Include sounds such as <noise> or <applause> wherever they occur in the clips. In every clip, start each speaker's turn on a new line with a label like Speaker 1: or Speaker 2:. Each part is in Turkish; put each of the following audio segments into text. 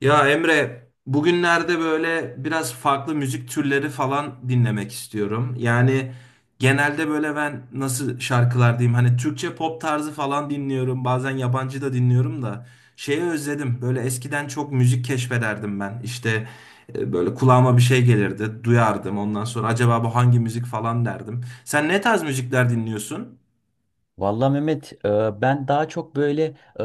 Speaker 1: Ya Emre, bugünlerde böyle biraz farklı müzik türleri falan dinlemek istiyorum. Yani genelde böyle ben nasıl şarkılar diyeyim hani Türkçe pop tarzı falan dinliyorum. Bazen yabancı da dinliyorum da şeyi özledim. Böyle eskiden çok müzik keşfederdim ben. İşte böyle kulağıma bir şey gelirdi, duyardım. Ondan sonra acaba bu hangi müzik falan derdim. Sen ne tarz müzikler dinliyorsun?
Speaker 2: Vallahi Mehmet, ben daha çok böyle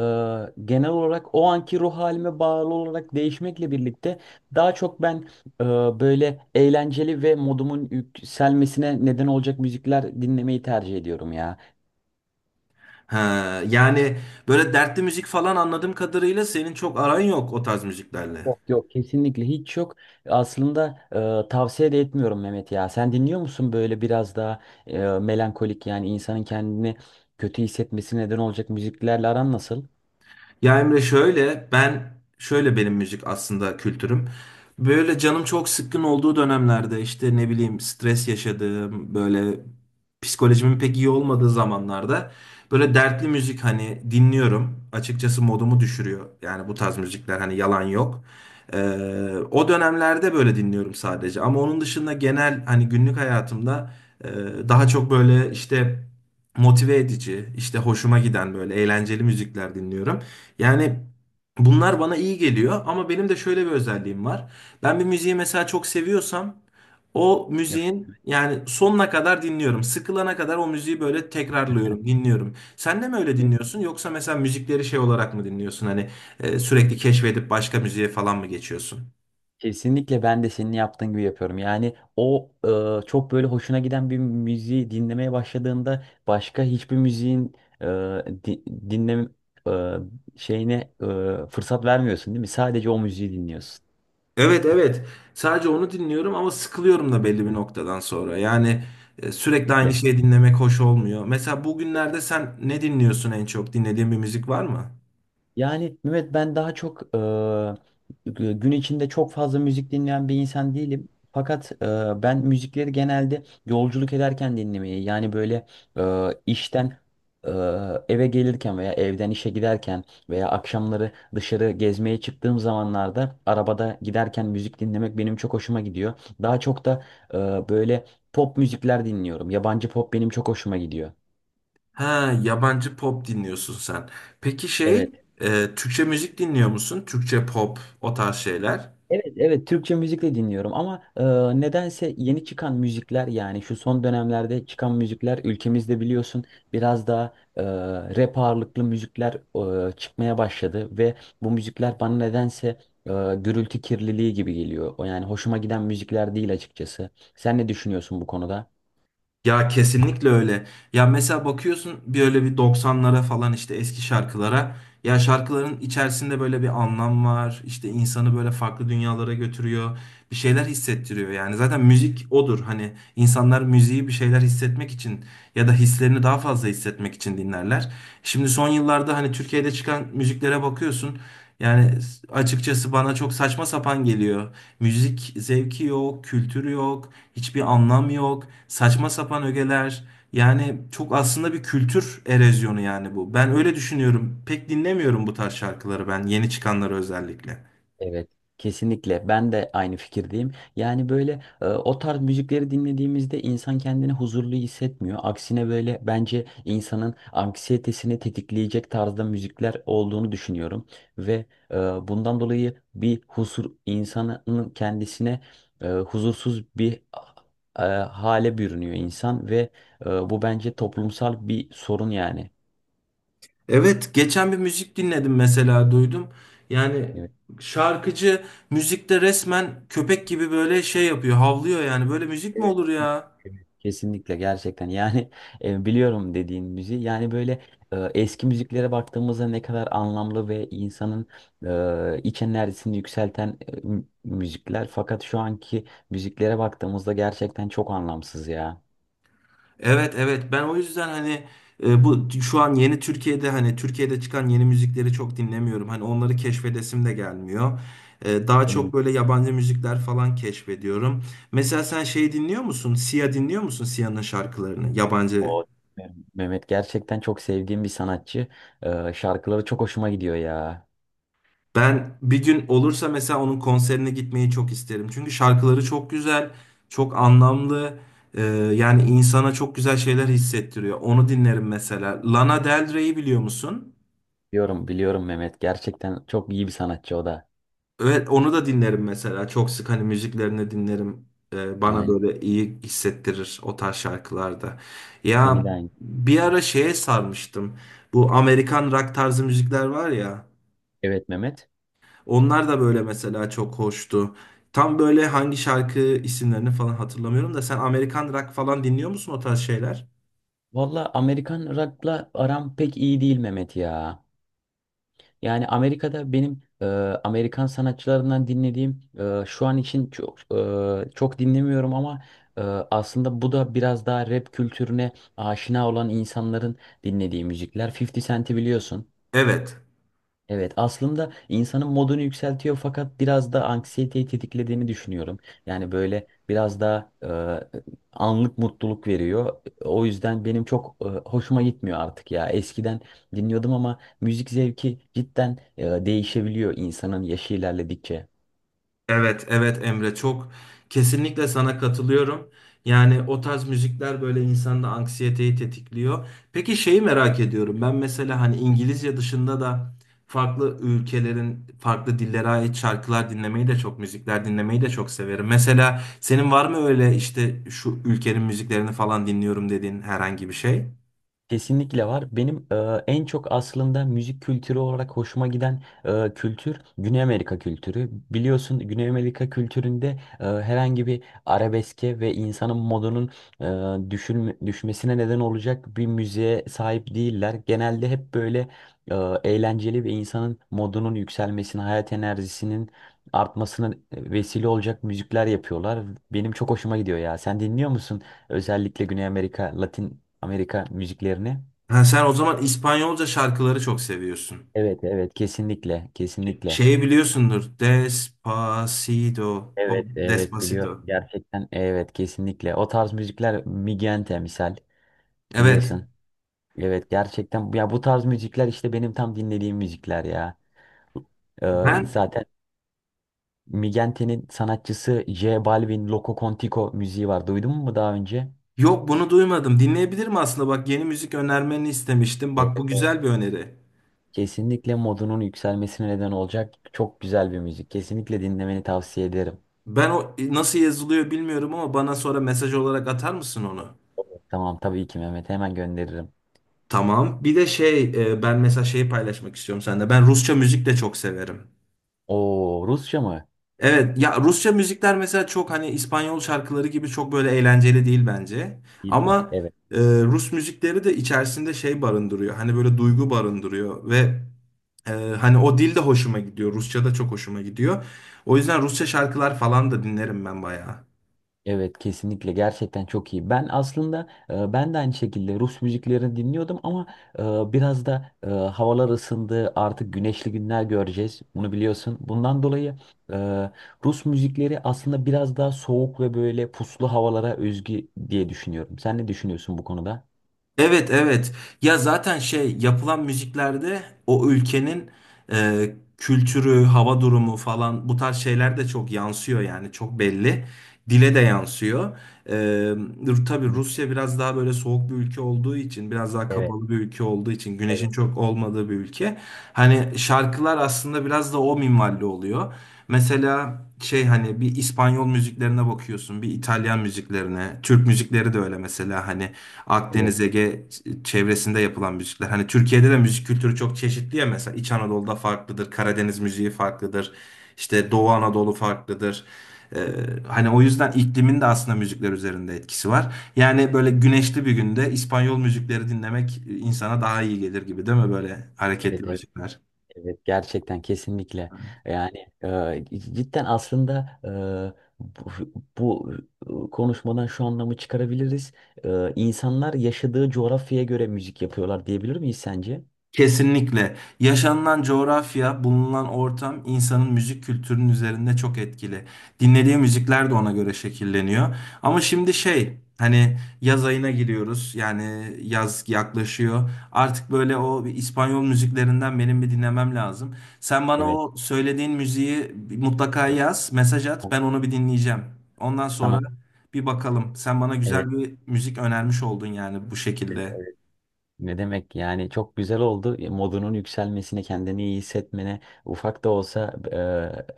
Speaker 2: genel olarak o anki ruh halime bağlı olarak değişmekle birlikte daha çok ben e, böyle eğlenceli ve modumun yükselmesine neden olacak müzikler dinlemeyi tercih ediyorum ya.
Speaker 1: Ha, yani böyle dertli müzik falan anladığım kadarıyla senin çok aran yok o tarz müziklerle.
Speaker 2: Yok yok, kesinlikle hiç yok. Aslında tavsiye de etmiyorum Mehmet ya. Sen dinliyor musun böyle biraz daha melankolik, yani insanın kendini kötü hissetmesine neden olacak müziklerle aran nasıl?
Speaker 1: Ya Emre şöyle benim müzik aslında kültürüm. Böyle canım çok sıkkın olduğu dönemlerde işte ne bileyim stres yaşadığım böyle psikolojimin pek iyi olmadığı zamanlarda böyle dertli müzik hani dinliyorum. Açıkçası modumu düşürüyor. Yani bu tarz müzikler hani yalan yok. Ee, O dönemlerde böyle dinliyorum sadece. Ama onun dışında genel hani günlük hayatımda e, daha çok böyle işte motive edici, işte hoşuma giden böyle eğlenceli müzikler dinliyorum. Yani bunlar bana iyi geliyor ama benim de şöyle bir özelliğim var. Ben bir müziği mesela çok seviyorsam o
Speaker 2: Yok.
Speaker 1: müziğin yani sonuna kadar dinliyorum. Sıkılana kadar o müziği böyle tekrarlıyorum, dinliyorum. Sen de mi öyle dinliyorsun yoksa mesela müzikleri şey olarak mı dinliyorsun? Hani sürekli keşfedip başka müziğe falan mı geçiyorsun?
Speaker 2: Kesinlikle ben de senin yaptığın gibi yapıyorum. Yani o çok böyle hoşuna giden bir müziği dinlemeye başladığında başka hiçbir müziğin e, di- dinleme e, şeyine fırsat vermiyorsun, değil mi? Sadece o müziği dinliyorsun.
Speaker 1: Evet, evet. Sadece onu dinliyorum ama sıkılıyorum da belli bir noktadan sonra. Yani sürekli aynı şeyi dinlemek hoş olmuyor. Mesela bugünlerde sen ne dinliyorsun en çok? Dinlediğin bir müzik var mı?
Speaker 2: Yani Mehmet, ben daha çok gün içinde çok fazla müzik dinleyen bir insan değilim. Fakat ben müzikleri genelde yolculuk ederken dinlemeyi, yani böyle e, işten e, eve gelirken veya evden işe giderken veya akşamları dışarı gezmeye çıktığım zamanlarda arabada giderken müzik dinlemek benim çok hoşuma gidiyor. Daha çok da e, böyle pop müzikler dinliyorum. Yabancı pop benim çok hoşuma gidiyor.
Speaker 1: Ha, yabancı pop dinliyorsun sen. Peki şey,
Speaker 2: Evet.
Speaker 1: Türkçe müzik dinliyor musun? Türkçe pop, o tarz şeyler.
Speaker 2: Evet, evet Türkçe müzikle dinliyorum ama nedense yeni çıkan müzikler, yani şu son dönemlerde çıkan müzikler ülkemizde biliyorsun biraz daha rap ağırlıklı müzikler çıkmaya başladı ve bu müzikler bana nedense e, gürültü kirliliği gibi geliyor. O, yani hoşuma giden müzikler değil açıkçası. Sen ne düşünüyorsun bu konuda?
Speaker 1: Ya kesinlikle öyle. Ya mesela bakıyorsun böyle bir doksanlara falan işte eski şarkılara. Ya şarkıların içerisinde böyle bir anlam var. İşte insanı böyle farklı dünyalara götürüyor. Bir şeyler hissettiriyor yani. Zaten müzik odur. Hani insanlar müziği bir şeyler hissetmek için ya da hislerini daha fazla hissetmek için dinlerler. Şimdi son yıllarda hani Türkiye'de çıkan müziklere bakıyorsun. Yani açıkçası bana çok saçma sapan geliyor. Müzik zevki yok, kültürü yok, hiçbir anlam yok, saçma sapan ögeler. Yani çok aslında bir kültür erozyonu yani bu. Ben öyle düşünüyorum. Pek dinlemiyorum bu tarz şarkıları ben, yeni çıkanları özellikle.
Speaker 2: Evet, kesinlikle. Ben de aynı fikirdeyim. Yani böyle o tarz müzikleri dinlediğimizde insan kendini huzurlu hissetmiyor. Aksine böyle bence insanın anksiyetesini tetikleyecek tarzda müzikler olduğunu düşünüyorum. Ve e, bundan dolayı bir huzur insanın kendisine, huzursuz bir hale bürünüyor insan ve bu bence toplumsal bir sorun yani.
Speaker 1: Evet, geçen bir müzik dinledim mesela duydum. Yani şarkıcı müzikte resmen köpek gibi böyle şey yapıyor, havlıyor yani. Böyle müzik mi
Speaker 2: Evet.
Speaker 1: olur ya?
Speaker 2: Kesinlikle, gerçekten yani <laughs> biliyorum dediğin müziği. Yani böyle eski müziklere baktığımızda ne kadar anlamlı ve insanın iç enerjisini yükselten müzikler, fakat şu anki müziklere baktığımızda gerçekten çok anlamsız ya.
Speaker 1: Evet, evet ben o yüzden hani şu an yeni Türkiye'de hani Türkiye'de çıkan yeni müzikleri çok dinlemiyorum. Hani onları keşfedesim de gelmiyor. Daha çok
Speaker 2: Benim
Speaker 1: böyle yabancı müzikler falan keşfediyorum. Mesela sen şey dinliyor musun? Sia dinliyor musun? Sia'nın şarkılarını yabancı.
Speaker 2: o Mehmet gerçekten çok sevdiğim bir sanatçı. E, şarkıları çok hoşuma gidiyor ya.
Speaker 1: Ben bir gün olursa mesela onun konserine gitmeyi çok isterim. Çünkü şarkıları çok güzel, çok anlamlı. E, Yani insana çok güzel şeyler hissettiriyor. Onu dinlerim mesela. Lana Del Rey'i biliyor musun?
Speaker 2: Biliyorum, biliyorum Mehmet, gerçekten çok iyi bir sanatçı o da.
Speaker 1: Evet, onu da dinlerim mesela. Çok sık hani müziklerini dinlerim. Bana
Speaker 2: Aynen.
Speaker 1: böyle iyi hissettirir o tarz şarkılarda.
Speaker 2: Beni
Speaker 1: Ya
Speaker 2: de aynı.
Speaker 1: bir ara şeye sarmıştım. Bu Amerikan rock tarzı müzikler var ya.
Speaker 2: Evet Mehmet.
Speaker 1: Onlar da böyle mesela çok hoştu. Tam böyle hangi şarkı isimlerini falan hatırlamıyorum da sen Amerikan rock falan dinliyor musun o tarz şeyler?
Speaker 2: Valla, Amerikan rock'la aram pek iyi değil Mehmet ya. Yani Amerika'da benim Amerikan sanatçılarından dinlediğim, şu an için çok dinlemiyorum ama aslında bu da biraz daha rap kültürüne aşina olan insanların dinlediği müzikler. 50 Cent'i biliyorsun.
Speaker 1: Evet.
Speaker 2: Evet, aslında insanın modunu yükseltiyor fakat biraz da anksiyeteyi tetiklediğini düşünüyorum. Yani böyle biraz da anlık mutluluk veriyor. O yüzden benim çok hoşuma gitmiyor artık ya. Eskiden dinliyordum ama müzik zevki cidden değişebiliyor insanın yaşı ilerledikçe.
Speaker 1: Evet, evet Emre çok kesinlikle sana katılıyorum. Yani o tarz müzikler böyle insanda anksiyeteyi tetikliyor. Peki şeyi merak ediyorum. Ben mesela hani İngilizce dışında da farklı ülkelerin farklı dillere ait şarkılar dinlemeyi de çok, müzikler dinlemeyi de çok severim. Mesela senin var mı öyle işte şu ülkenin müziklerini falan dinliyorum dediğin herhangi bir şey?
Speaker 2: Kesinlikle var. Benim en çok aslında müzik kültürü olarak hoşuma giden kültür, Güney Amerika kültürü. Biliyorsun Güney Amerika kültüründe herhangi bir arabeske ve insanın modunun e, düşmesine neden olacak bir müziğe sahip değiller. Genelde hep böyle e, eğlenceli ve insanın modunun yükselmesine, hayat enerjisinin artmasına vesile olacak müzikler yapıyorlar. Benim çok hoşuma gidiyor ya. Sen dinliyor musun? Özellikle Güney Amerika, Latin Amerika müziklerini.
Speaker 1: Ha, sen o zaman İspanyolca şarkıları çok seviyorsun.
Speaker 2: Evet, evet kesinlikle, kesinlikle.
Speaker 1: Şeyi biliyorsundur. Despacito. O
Speaker 2: Evet, evet biliyorum,
Speaker 1: Despacito.
Speaker 2: gerçekten evet, kesinlikle. O tarz müzikler, Migente misal,
Speaker 1: Evet.
Speaker 2: biliyorsun. Evet, gerçekten ya bu tarz müzikler işte benim tam dinlediğim müzikler ya.
Speaker 1: Ben
Speaker 2: Zaten Migente'nin sanatçısı J Balvin Loco Contico müziği var. Duydun mu daha önce?
Speaker 1: yok bunu duymadım. Dinleyebilirim aslında. Bak yeni müzik önermeni istemiştim.
Speaker 2: Evet,
Speaker 1: Bak bu
Speaker 2: evet.
Speaker 1: güzel bir öneri.
Speaker 2: Kesinlikle modunun yükselmesine neden olacak çok güzel bir müzik. Kesinlikle dinlemeni tavsiye ederim.
Speaker 1: Ben o nasıl yazılıyor bilmiyorum ama bana sonra mesaj olarak atar mısın onu?
Speaker 2: Tamam, tabii ki Mehmet, hemen gönderirim.
Speaker 1: Tamam. Bir de şey ben mesela şeyi paylaşmak istiyorum sende. Ben Rusça müzik de çok severim.
Speaker 2: O Rusça mı?
Speaker 1: Evet ya Rusça müzikler mesela çok hani İspanyol şarkıları gibi çok böyle eğlenceli değil bence.
Speaker 2: İller.
Speaker 1: Ama
Speaker 2: Evet.
Speaker 1: Rus müzikleri de içerisinde şey barındırıyor. Hani böyle duygu barındırıyor ve e, hani o dil de hoşuma gidiyor. Rusça da çok hoşuma gidiyor. O yüzden Rusça şarkılar falan da dinlerim ben bayağı.
Speaker 2: Evet, kesinlikle gerçekten çok iyi. Ben aslında ben de aynı şekilde Rus müziklerini dinliyordum ama biraz da havalar ısındı. Artık güneşli günler göreceğiz. Bunu biliyorsun. Bundan dolayı e, Rus müzikleri aslında biraz daha soğuk ve böyle puslu havalara özgü diye düşünüyorum. Sen ne düşünüyorsun bu konuda?
Speaker 1: Evet, evet. Ya zaten şey yapılan müziklerde o ülkenin kültürü, hava durumu falan bu tarz şeyler de çok yansıyor yani çok belli. Dile de yansıyor. Tabii
Speaker 2: Kesinlikle.
Speaker 1: Rusya biraz daha böyle soğuk bir ülke olduğu için, biraz daha
Speaker 2: Evet,
Speaker 1: kapalı bir ülke olduğu için, güneşin
Speaker 2: evet,
Speaker 1: çok olmadığı bir ülke. Hani şarkılar aslında biraz da o minvalli oluyor. Mesela şey hani bir İspanyol müziklerine bakıyorsun, bir İtalyan müziklerine, Türk müzikleri de öyle mesela hani Akdeniz
Speaker 2: evet.
Speaker 1: Ege çevresinde yapılan müzikler. Hani Türkiye'de de müzik kültürü çok çeşitli ya mesela İç Anadolu'da farklıdır, Karadeniz müziği farklıdır, işte Doğu Anadolu farklıdır. Ee, Hani o yüzden iklimin de aslında müzikler üzerinde etkisi var. Yani böyle güneşli bir günde İspanyol müzikleri dinlemek insana daha iyi gelir gibi değil mi böyle hareketli
Speaker 2: Evet, evet.
Speaker 1: müzikler?
Speaker 2: Evet, gerçekten kesinlikle. Yani cidden aslında e, bu, bu konuşmadan şu anlamı çıkarabiliriz. E, insanlar yaşadığı coğrafyaya göre müzik yapıyorlar diyebilir miyiz sence?
Speaker 1: Kesinlikle. Yaşanılan coğrafya, bulunan ortam insanın müzik kültürünün üzerinde çok etkili. Dinlediği müzikler de ona göre şekilleniyor. Ama şimdi şey, hani yaz ayına giriyoruz. Yani yaz yaklaşıyor. Artık böyle o bir İspanyol müziklerinden benim bir dinlemem lazım. Sen bana
Speaker 2: Evet.
Speaker 1: o söylediğin müziği mutlaka
Speaker 2: Tamam.
Speaker 1: yaz, mesaj at. Ben onu bir dinleyeceğim. Ondan sonra
Speaker 2: Tamam.
Speaker 1: bir bakalım. Sen bana
Speaker 2: Evet,
Speaker 1: güzel bir müzik önermiş oldun yani bu
Speaker 2: evet,
Speaker 1: şekilde.
Speaker 2: evet. Ne demek, yani çok güzel oldu. E, modunun yükselmesine, kendini iyi hissetmene ufak da olsa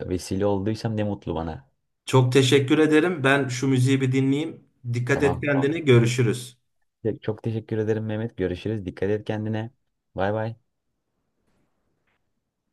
Speaker 2: vesile olduysam ne mutlu bana.
Speaker 1: Çok teşekkür ederim. Ben şu müziği bir dinleyeyim. Dikkat et
Speaker 2: Tamam, tamam.
Speaker 1: kendine. Görüşürüz.
Speaker 2: Çok teşekkür ederim Mehmet. Görüşürüz. Dikkat et kendine. Bay bay.